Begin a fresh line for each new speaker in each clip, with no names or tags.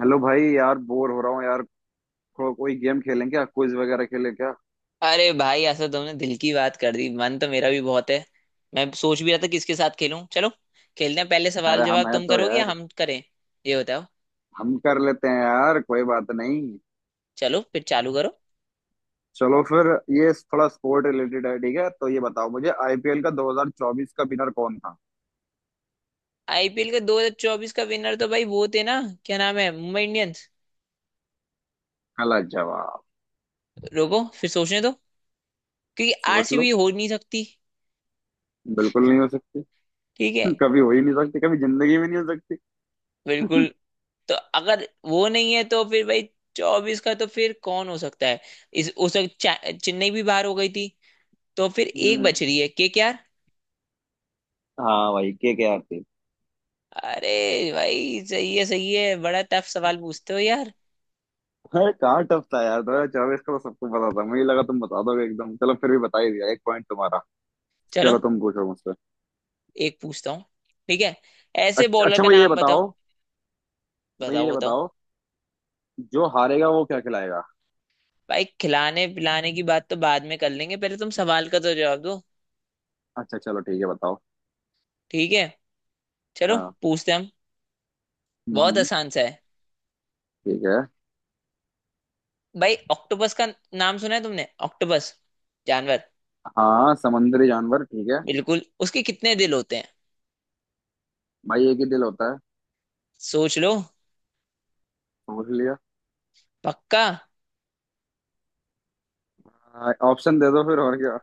Hello भाई यार, bore हो रहा हूँ यार। कोई गेम खेलें क्या? क्विज वगैरह खेलें क्या?
अरे भाई ऐसा तुमने दिल की बात कर दी। मन तो मेरा भी बहुत है। मैं सोच भी रहा था किसके साथ खेलूं। चलो खेलते हैं। पहले सवाल
अरे
जवाब
हम हैं
तुम
तो
करोगे या
यार।
हम करें? ये बताओ।
हम कर लेते हैं यार, कोई बात नहीं।
चलो फिर चालू करो।
चलो फिर। ये थोड़ा स्पोर्ट रिलेटेड है, ठीक है, तो ये बताओ मुझे, आईपीएल का 2024 का विनर कौन था?
आईपीएल के 2024 का विनर तो भाई वो थे ना, क्या नाम है, मुंबई इंडियंस।
गलत जवाब।
रुको फिर सोचने दो, क्योंकि
सोच लो।
आरसीबी हो नहीं सकती।
बिल्कुल नहीं हो सकती।
ठीक है।
कभी हो ही नहीं सकती, कभी जिंदगी में नहीं हो सकती।
बिल्कुल। तो अगर वो नहीं है तो फिर भाई चौबीस का तो फिर कौन हो सकता है। इस उस वक्त चेन्नई भी बाहर हो गई थी, तो फिर एक
हम्म।
बच रही है, के आर।
हाँ भाई, के आर थी।
अरे भाई सही है सही है, बड़ा टफ सवाल पूछते हो यार।
अरे कहाँ टफ था यार? 2024 का तो सबको पता था, मुझे लगा तुम बता दोगे एकदम। चलो, फिर भी बता ही दिया, 1 पॉइंट तुम्हारा।
चलो
चलो तुम पूछो मुझसे।
एक पूछता हूँ। ठीक है, ऐसे
अच्छा
बॉलर
अच्छा,
का
मुझे ये
नाम बताओ।
बताओ। मुझे
बताओ
ये
बताओ।
बताओ, जो हारेगा वो क्या खिलाएगा?
भाई खिलाने पिलाने की बात तो बाद में कर लेंगे, पहले तुम सवाल का तो जवाब दो।
अच्छा चलो ठीक है, बताओ।
ठीक है, चलो
हाँ।
पूछते हैं हम। बहुत
हम्म।
आसान सा है।
ठीक है।
भाई ऑक्टोपस का नाम सुना है तुमने, ऑक्टोपस जानवर।
हाँ, समुद्री जानवर, ठीक है।
बिल्कुल उसके कितने दिल होते हैं?
भाई एक ही दिल होता है।
सोच लो।
समझ लिया।
पक्का।
ऑप्शन दे दो फिर, और क्या।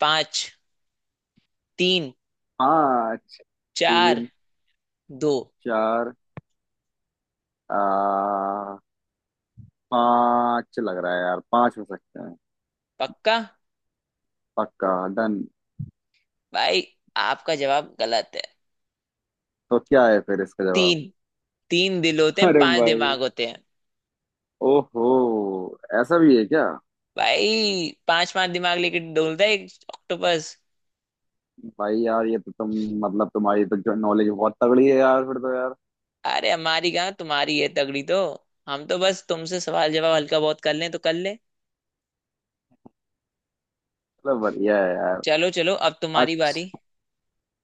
पांच, तीन,
पाँच।
चार,
तीन।
दो।
चार। आ, पाँच लग रहा है यार, पाँच हो सकते हैं।
पक्का?
पक्का। डन।
भाई आपका जवाब गलत है।
तो क्या है फिर इसका जवाब?
तीन। तीन दिल होते हैं,
अरे
पांच
भाई।
दिमाग होते हैं।
ओहो। ऐसा भी है क्या?
भाई पांच पांच दिमाग लेके डोलता है एक ऑक्टोपस।
भाई यार ये तो तुम, मतलब तुम्हारी तो नॉलेज बहुत तगड़ी है यार, फिर तो यार।
अरे हमारी कहाँ, तुम्हारी है तगड़ी तो। हम तो बस तुमसे सवाल जवाब हल्का बहुत कर लें तो कर ले।
चलो, बढ़िया है यार।
चलो चलो अब तुम्हारी बारी।
अच्छा।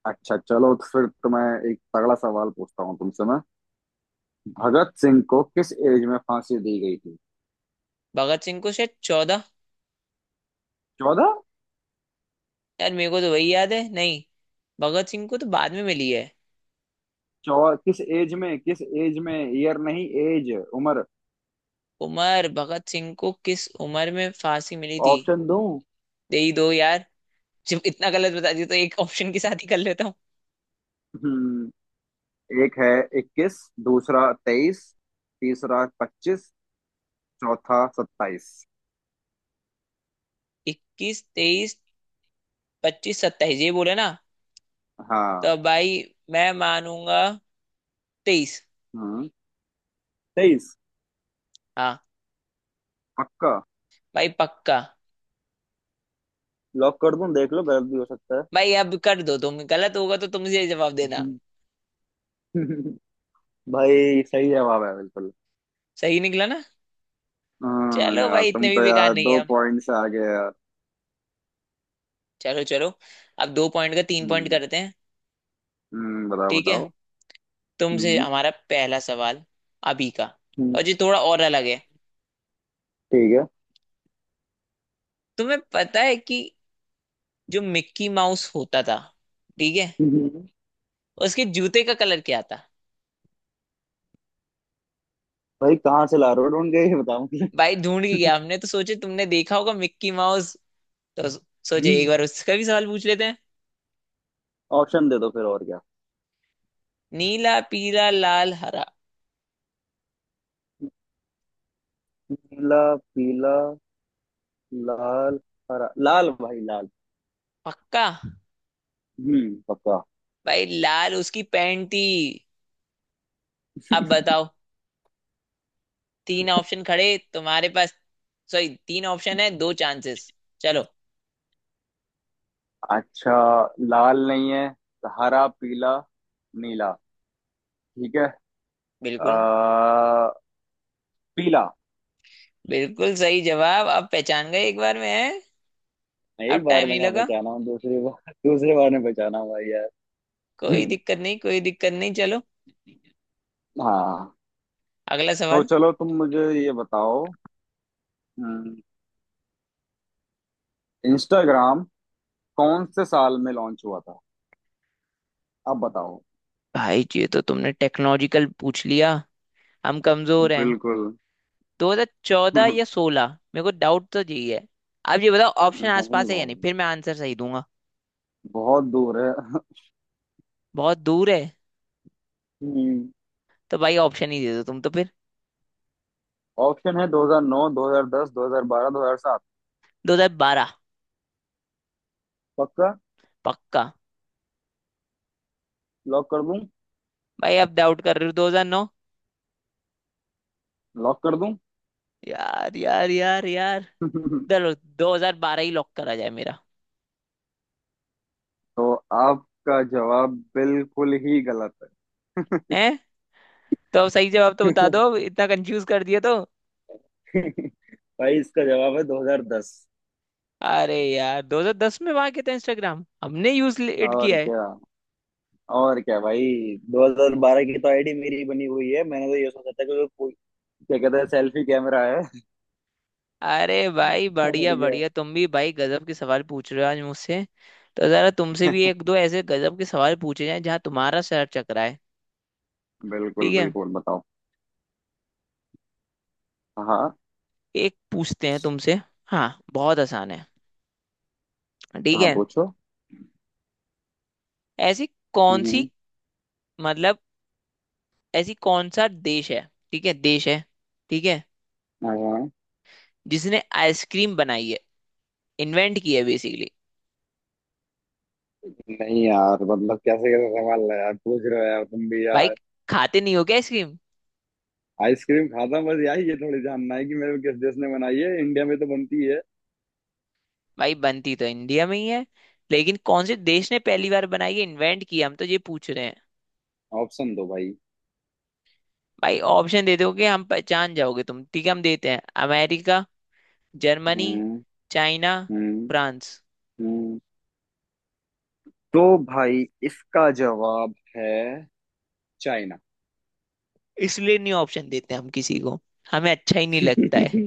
अच्छा चलो, तो फिर तो मैं एक तगड़ा सवाल पूछता हूँ तुमसे मैं। भगत सिंह को किस एज में फांसी दी गई थी?
भगत सिंह को शायद चौदह।
14?
यार मेरे को तो वही याद है नहीं। भगत सिंह को तो बाद में मिली है।
चौ किस एज में, किस एज में, ईयर नहीं, एज, उम्र।
उमर भगत सिंह को किस उम्र में फांसी मिली थी?
ऑप्शन दूं?
दे ही दो यार। जब इतना गलत बता दिया तो एक ऑप्शन के साथ ही कर लेता हूँ।
हम्म, एक है 21। दूसरा 23। तीसरा 25। चौथा 27।
इक्कीस, तेईस, पच्चीस, सत्ताईस, ये बोले ना।
हाँ।
तो भाई मैं मानूंगा तेईस।
हम्म। 23।
हाँ।
पक्का।
भाई पक्का।
लॉक कर दूं, देख लो, गलत भी हो सकता
भाई अब कर दो, तुम गलत होगा तो तुमसे जवाब देना।
है। भाई सही जवाब है बिल्कुल।
सही निकला ना।
हाँ
चलो
यार,
भाई इतने
तुम
भी
तो
बेकार
यार
नहीं है
दो
हम।
पॉइंट से आगे हैं यार।
चलो चलो अब दो पॉइंट का तीन पॉइंट
हम्म।
करते हैं।
बताओ
ठीक है,
बताओ।
तुमसे
हम्म।
हमारा पहला सवाल अभी का,
हम्म।
और जो थोड़ा और अलग है।
ठीक है।
तुम्हें पता है कि जो मिक्की माउस होता था, ठीक है,
हम्म।
उसके जूते का कलर क्या था?
भाई कहाँ से ला रहे हो ढूंढ के, ये बताओ मुझे।
भाई ढूंढ के गया हमने, तो सोचे तुमने देखा होगा मिक्की माउस, तो सोचे एक बार उसका भी सवाल पूछ लेते हैं।
ऑप्शन दे दो फिर, और क्या।
नीला, पीला, लाल, हरा।
नीला। पीला। लाल। हरा, लाल, भाई लाल।
पक्का?
हम्म, पक्का।
भाई लाल उसकी पैंट थी। अब बताओ, तीन ऑप्शन खड़े तुम्हारे पास। सॉरी, तीन ऑप्शन है, दो चांसेस। चलो।
अच्छा, लाल नहीं है, तो हरा, पीला, नीला। ठीक है। आ,
बिल्कुल।
पीला।
बिल्कुल सही जवाब, अब पहचान गए एक बार में है। अब
एक बार
टाइम
में
नहीं
कहाँ
लगा।
पहचाना हूँ? दूसरी बार, दूसरे बार में पहचाना हूँ भाई यार।
कोई
हम्म।
दिक्कत नहीं, कोई दिक्कत नहीं। चलो
हाँ।
अगला
तो
सवाल।
चलो, तुम मुझे ये बताओ, इंस्टाग्राम कौन से साल में लॉन्च हुआ था? अब बताओ।
भाई ये तो तुमने टेक्नोलॉजिकल पूछ लिया, हम कमजोर हैं।
बिल्कुल।
2014
नहीं।
या 16। मेरे को डाउट तो यही है। अब ये बताओ ऑप्शन आसपास है या नहीं,
भाई
फिर मैं आंसर सही दूंगा।
बहुत दूर है।
बहुत दूर है?
हम्म।
तो भाई ऑप्शन ही दे दो तुम तो फिर।
ऑप्शन है 2009, 2010, 2012, 2007।
2012।
पक्का?
पक्का।
लॉक कर दूं?
भाई अब डाउट कर रहे हो? 2009?
लॉक कर दूं?
यार यार यार यार। चलो 2012 ही लॉक करा जाए मेरा।
तो आपका जवाब बिल्कुल ही गलत है।
है? तो अब सही जवाब तो बता दो, इतना कंफ्यूज कर दिया तो।
भाई इसका जवाब है 2010।
अरे यार 2010 में वहां के थे इंस्टाग्राम, हमने यूज इट
और
किया है।
क्या। और क्या भाई। 2012 की तो आईडी मेरी ही बनी हुई है, मैंने तो ये सोचा था कि, क्या कहते हैं, सेल्फी कैमरा है।
अरे भाई
और
बढ़िया
क्या।
बढ़िया, तुम भी भाई गजब के सवाल पूछ रहे हो आज मुझसे। तो जरा तुमसे भी एक दो ऐसे गजब के सवाल पूछे जाएं जहां तुम्हारा सर चकराए।
बिल्कुल
ठीक है,
बिल्कुल, बताओ। हाँ।
एक पूछते हैं तुमसे। हाँ, बहुत आसान है। ठीक
हाँ
है।
पूछो।
ऐसी कौन सी,
हम्म।
मतलब ऐसी कौन सा देश है, ठीक है, देश है, ठीक है,
हाँ हाँ।
जिसने आइसक्रीम बनाई है, इन्वेंट की है बेसिकली।
नहीं यार, मतलब कैसे कैसे सवाल है यार पूछ रहे हो यार, तुम भी
भाई
यार।
खाते नहीं हो क्या आइसक्रीम?
आइसक्रीम खाता हूं, बस यही ये थोड़ी जानना है कि मेरे को किस देश ने बनाई है, इंडिया में तो बनती है।
भाई बनती तो इंडिया में ही है, लेकिन कौन से देश ने पहली बार बनाई है, इन्वेंट की है, हम तो ये पूछ रहे हैं।
ऑप्शन दो भाई।
भाई ऑप्शन दे दोगे हम, पहचान जाओगे तुम। ठीक है, हम देते हैं। अमेरिका, जर्मनी,
हम्म।
चाइना,
हम्म।
फ्रांस।
हम्म। तो भाई इसका जवाब है चाइना।
इसलिए नहीं ऑप्शन देते हम किसी को, हमें अच्छा ही नहीं लगता है।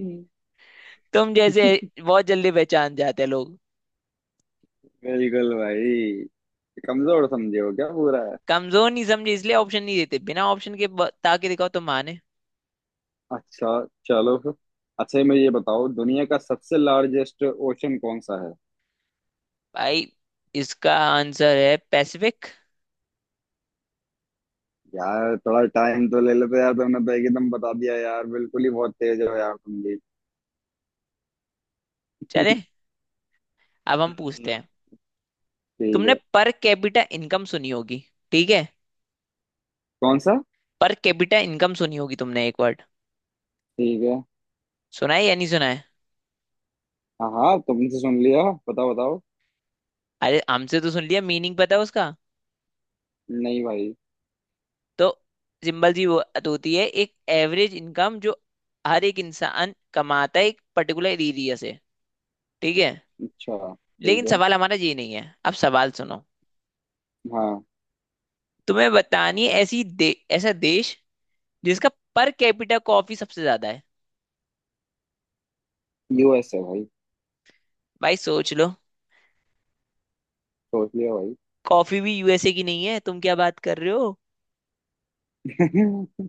तुम जैसे
बिल्कुल।
बहुत जल्दी पहचान जाते हैं लोग।
भाई कमजोर समझे हो क्या पूरा?
कमजोर नहीं समझे इसलिए ऑप्शन नहीं देते, बिना ऑप्शन के बता के दिखाओ तो माने।
अच्छा। चलो फिर। अच्छा, मैं ये बताओ, दुनिया का सबसे लार्जेस्ट ओशन कौन सा है?
भाई इसका आंसर है पैसिफिक।
यार थोड़ा टाइम तो ले लेते यार, तुमने तो एकदम बता दिया यार, बिल्कुल ही बहुत तेज हो यार तुम भी।
चले अब हम पूछते
हम्म।
हैं।
ठीक
तुमने
है।
पर कैपिटा इनकम सुनी होगी, ठीक है,
कौन सा?
पर कैपिटा इनकम सुनी होगी तुमने, एक वर्ड,
ठीक है।
सुना है या नहीं सुना है?
हाँ हाँ, तुमसे सुन लिया। बताओ बताओ।
अरे हमसे तो सुन लिया, मीनिंग पता है उसका?
नहीं भाई।
तो सिंपल सी बात होती है, एक एवरेज इनकम जो हर एक इंसान कमाता है एक पर्टिकुलर एरिया से, ठीक है।
अच्छा
लेकिन
ठीक है।
सवाल हमारा ये नहीं है, अब सवाल सुनो।
हाँ।
तुम्हें बतानी है ऐसा देश जिसका पर कैपिटा कॉफी सबसे ज्यादा है।
यूएस है भाई।
भाई सोच लो।
सोच लिया भाई।
कॉफी भी यूएसए की नहीं है, तुम क्या बात कर रहे हो।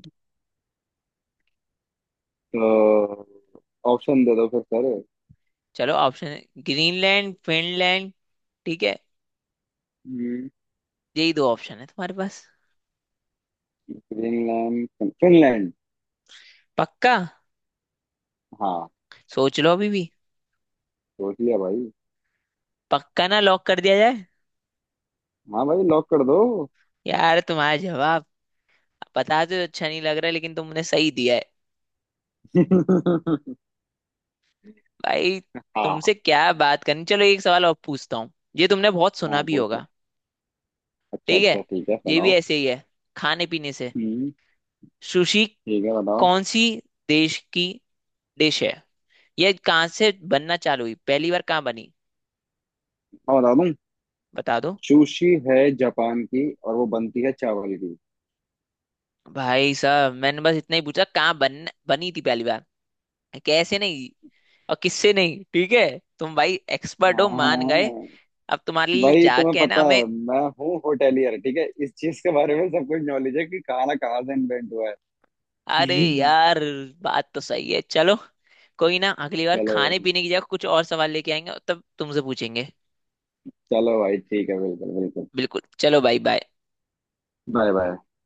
तो ऑप्शन दे दो फिर, सर।
चलो ऑप्शन है, ग्रीनलैंड, फिनलैंड, ठीक है,
हम्म।
यही दो ऑप्शन है तुम्हारे पास।
Greenland, Finland.
पक्का?
हाँ।
सोच लो अभी भी।
सोच लिया भाई।
पक्का ना, लॉक कर दिया जाए?
हाँ भाई, लॉक कर दो।
यार तुम्हारा जवाब पता तो अच्छा नहीं लग रहा, लेकिन तुमने सही दिया है। भाई
हाँ।
तुमसे क्या बात करनी, चलो एक सवाल और पूछता हूँ, ये तुमने बहुत सुना
हाँ
भी
पूछे।
होगा।
अच्छा
ठीक है,
अच्छा ठीक है,
ये भी
सुनाओ।
ऐसे ही है, खाने पीने से।
हम्म।
सुशी
ठीक है, बताओ।
कौन सी देश की डिश है? ये कहाँ से बनना चालू हुई, पहली बार कहाँ बनी?
हाँ, बता दूँ।
बता दो।
सुशी है जापान की, और वो बनती है चावल की।
भाई साहब मैंने बस इतना ही पूछा कहाँ बन बनी थी पहली बार। कैसे नहीं और किससे नहीं, ठीक है। तुम भाई एक्सपर्ट हो,
हाँ
मान गए।
हाँ।
अब तुम्हारे लिए
भाई तुम्हें
जाके है ना
पता
हमें।
है, मैं हूँ होटेलियर, ठीक है, इस चीज के बारे में सब कुछ नॉलेज है कि खाना कहाँ से इन्वेंट हुआ है।
अरे यार बात तो सही है। चलो कोई ना, अगली बार
चलो
खाने
भाई।
पीने की जगह कुछ और सवाल लेके आएंगे और तब तुमसे पूछेंगे।
चलो भाई ठीक है, बिल्कुल बिल्कुल।
बिल्कुल चलो भाई बाय।
Bye bye.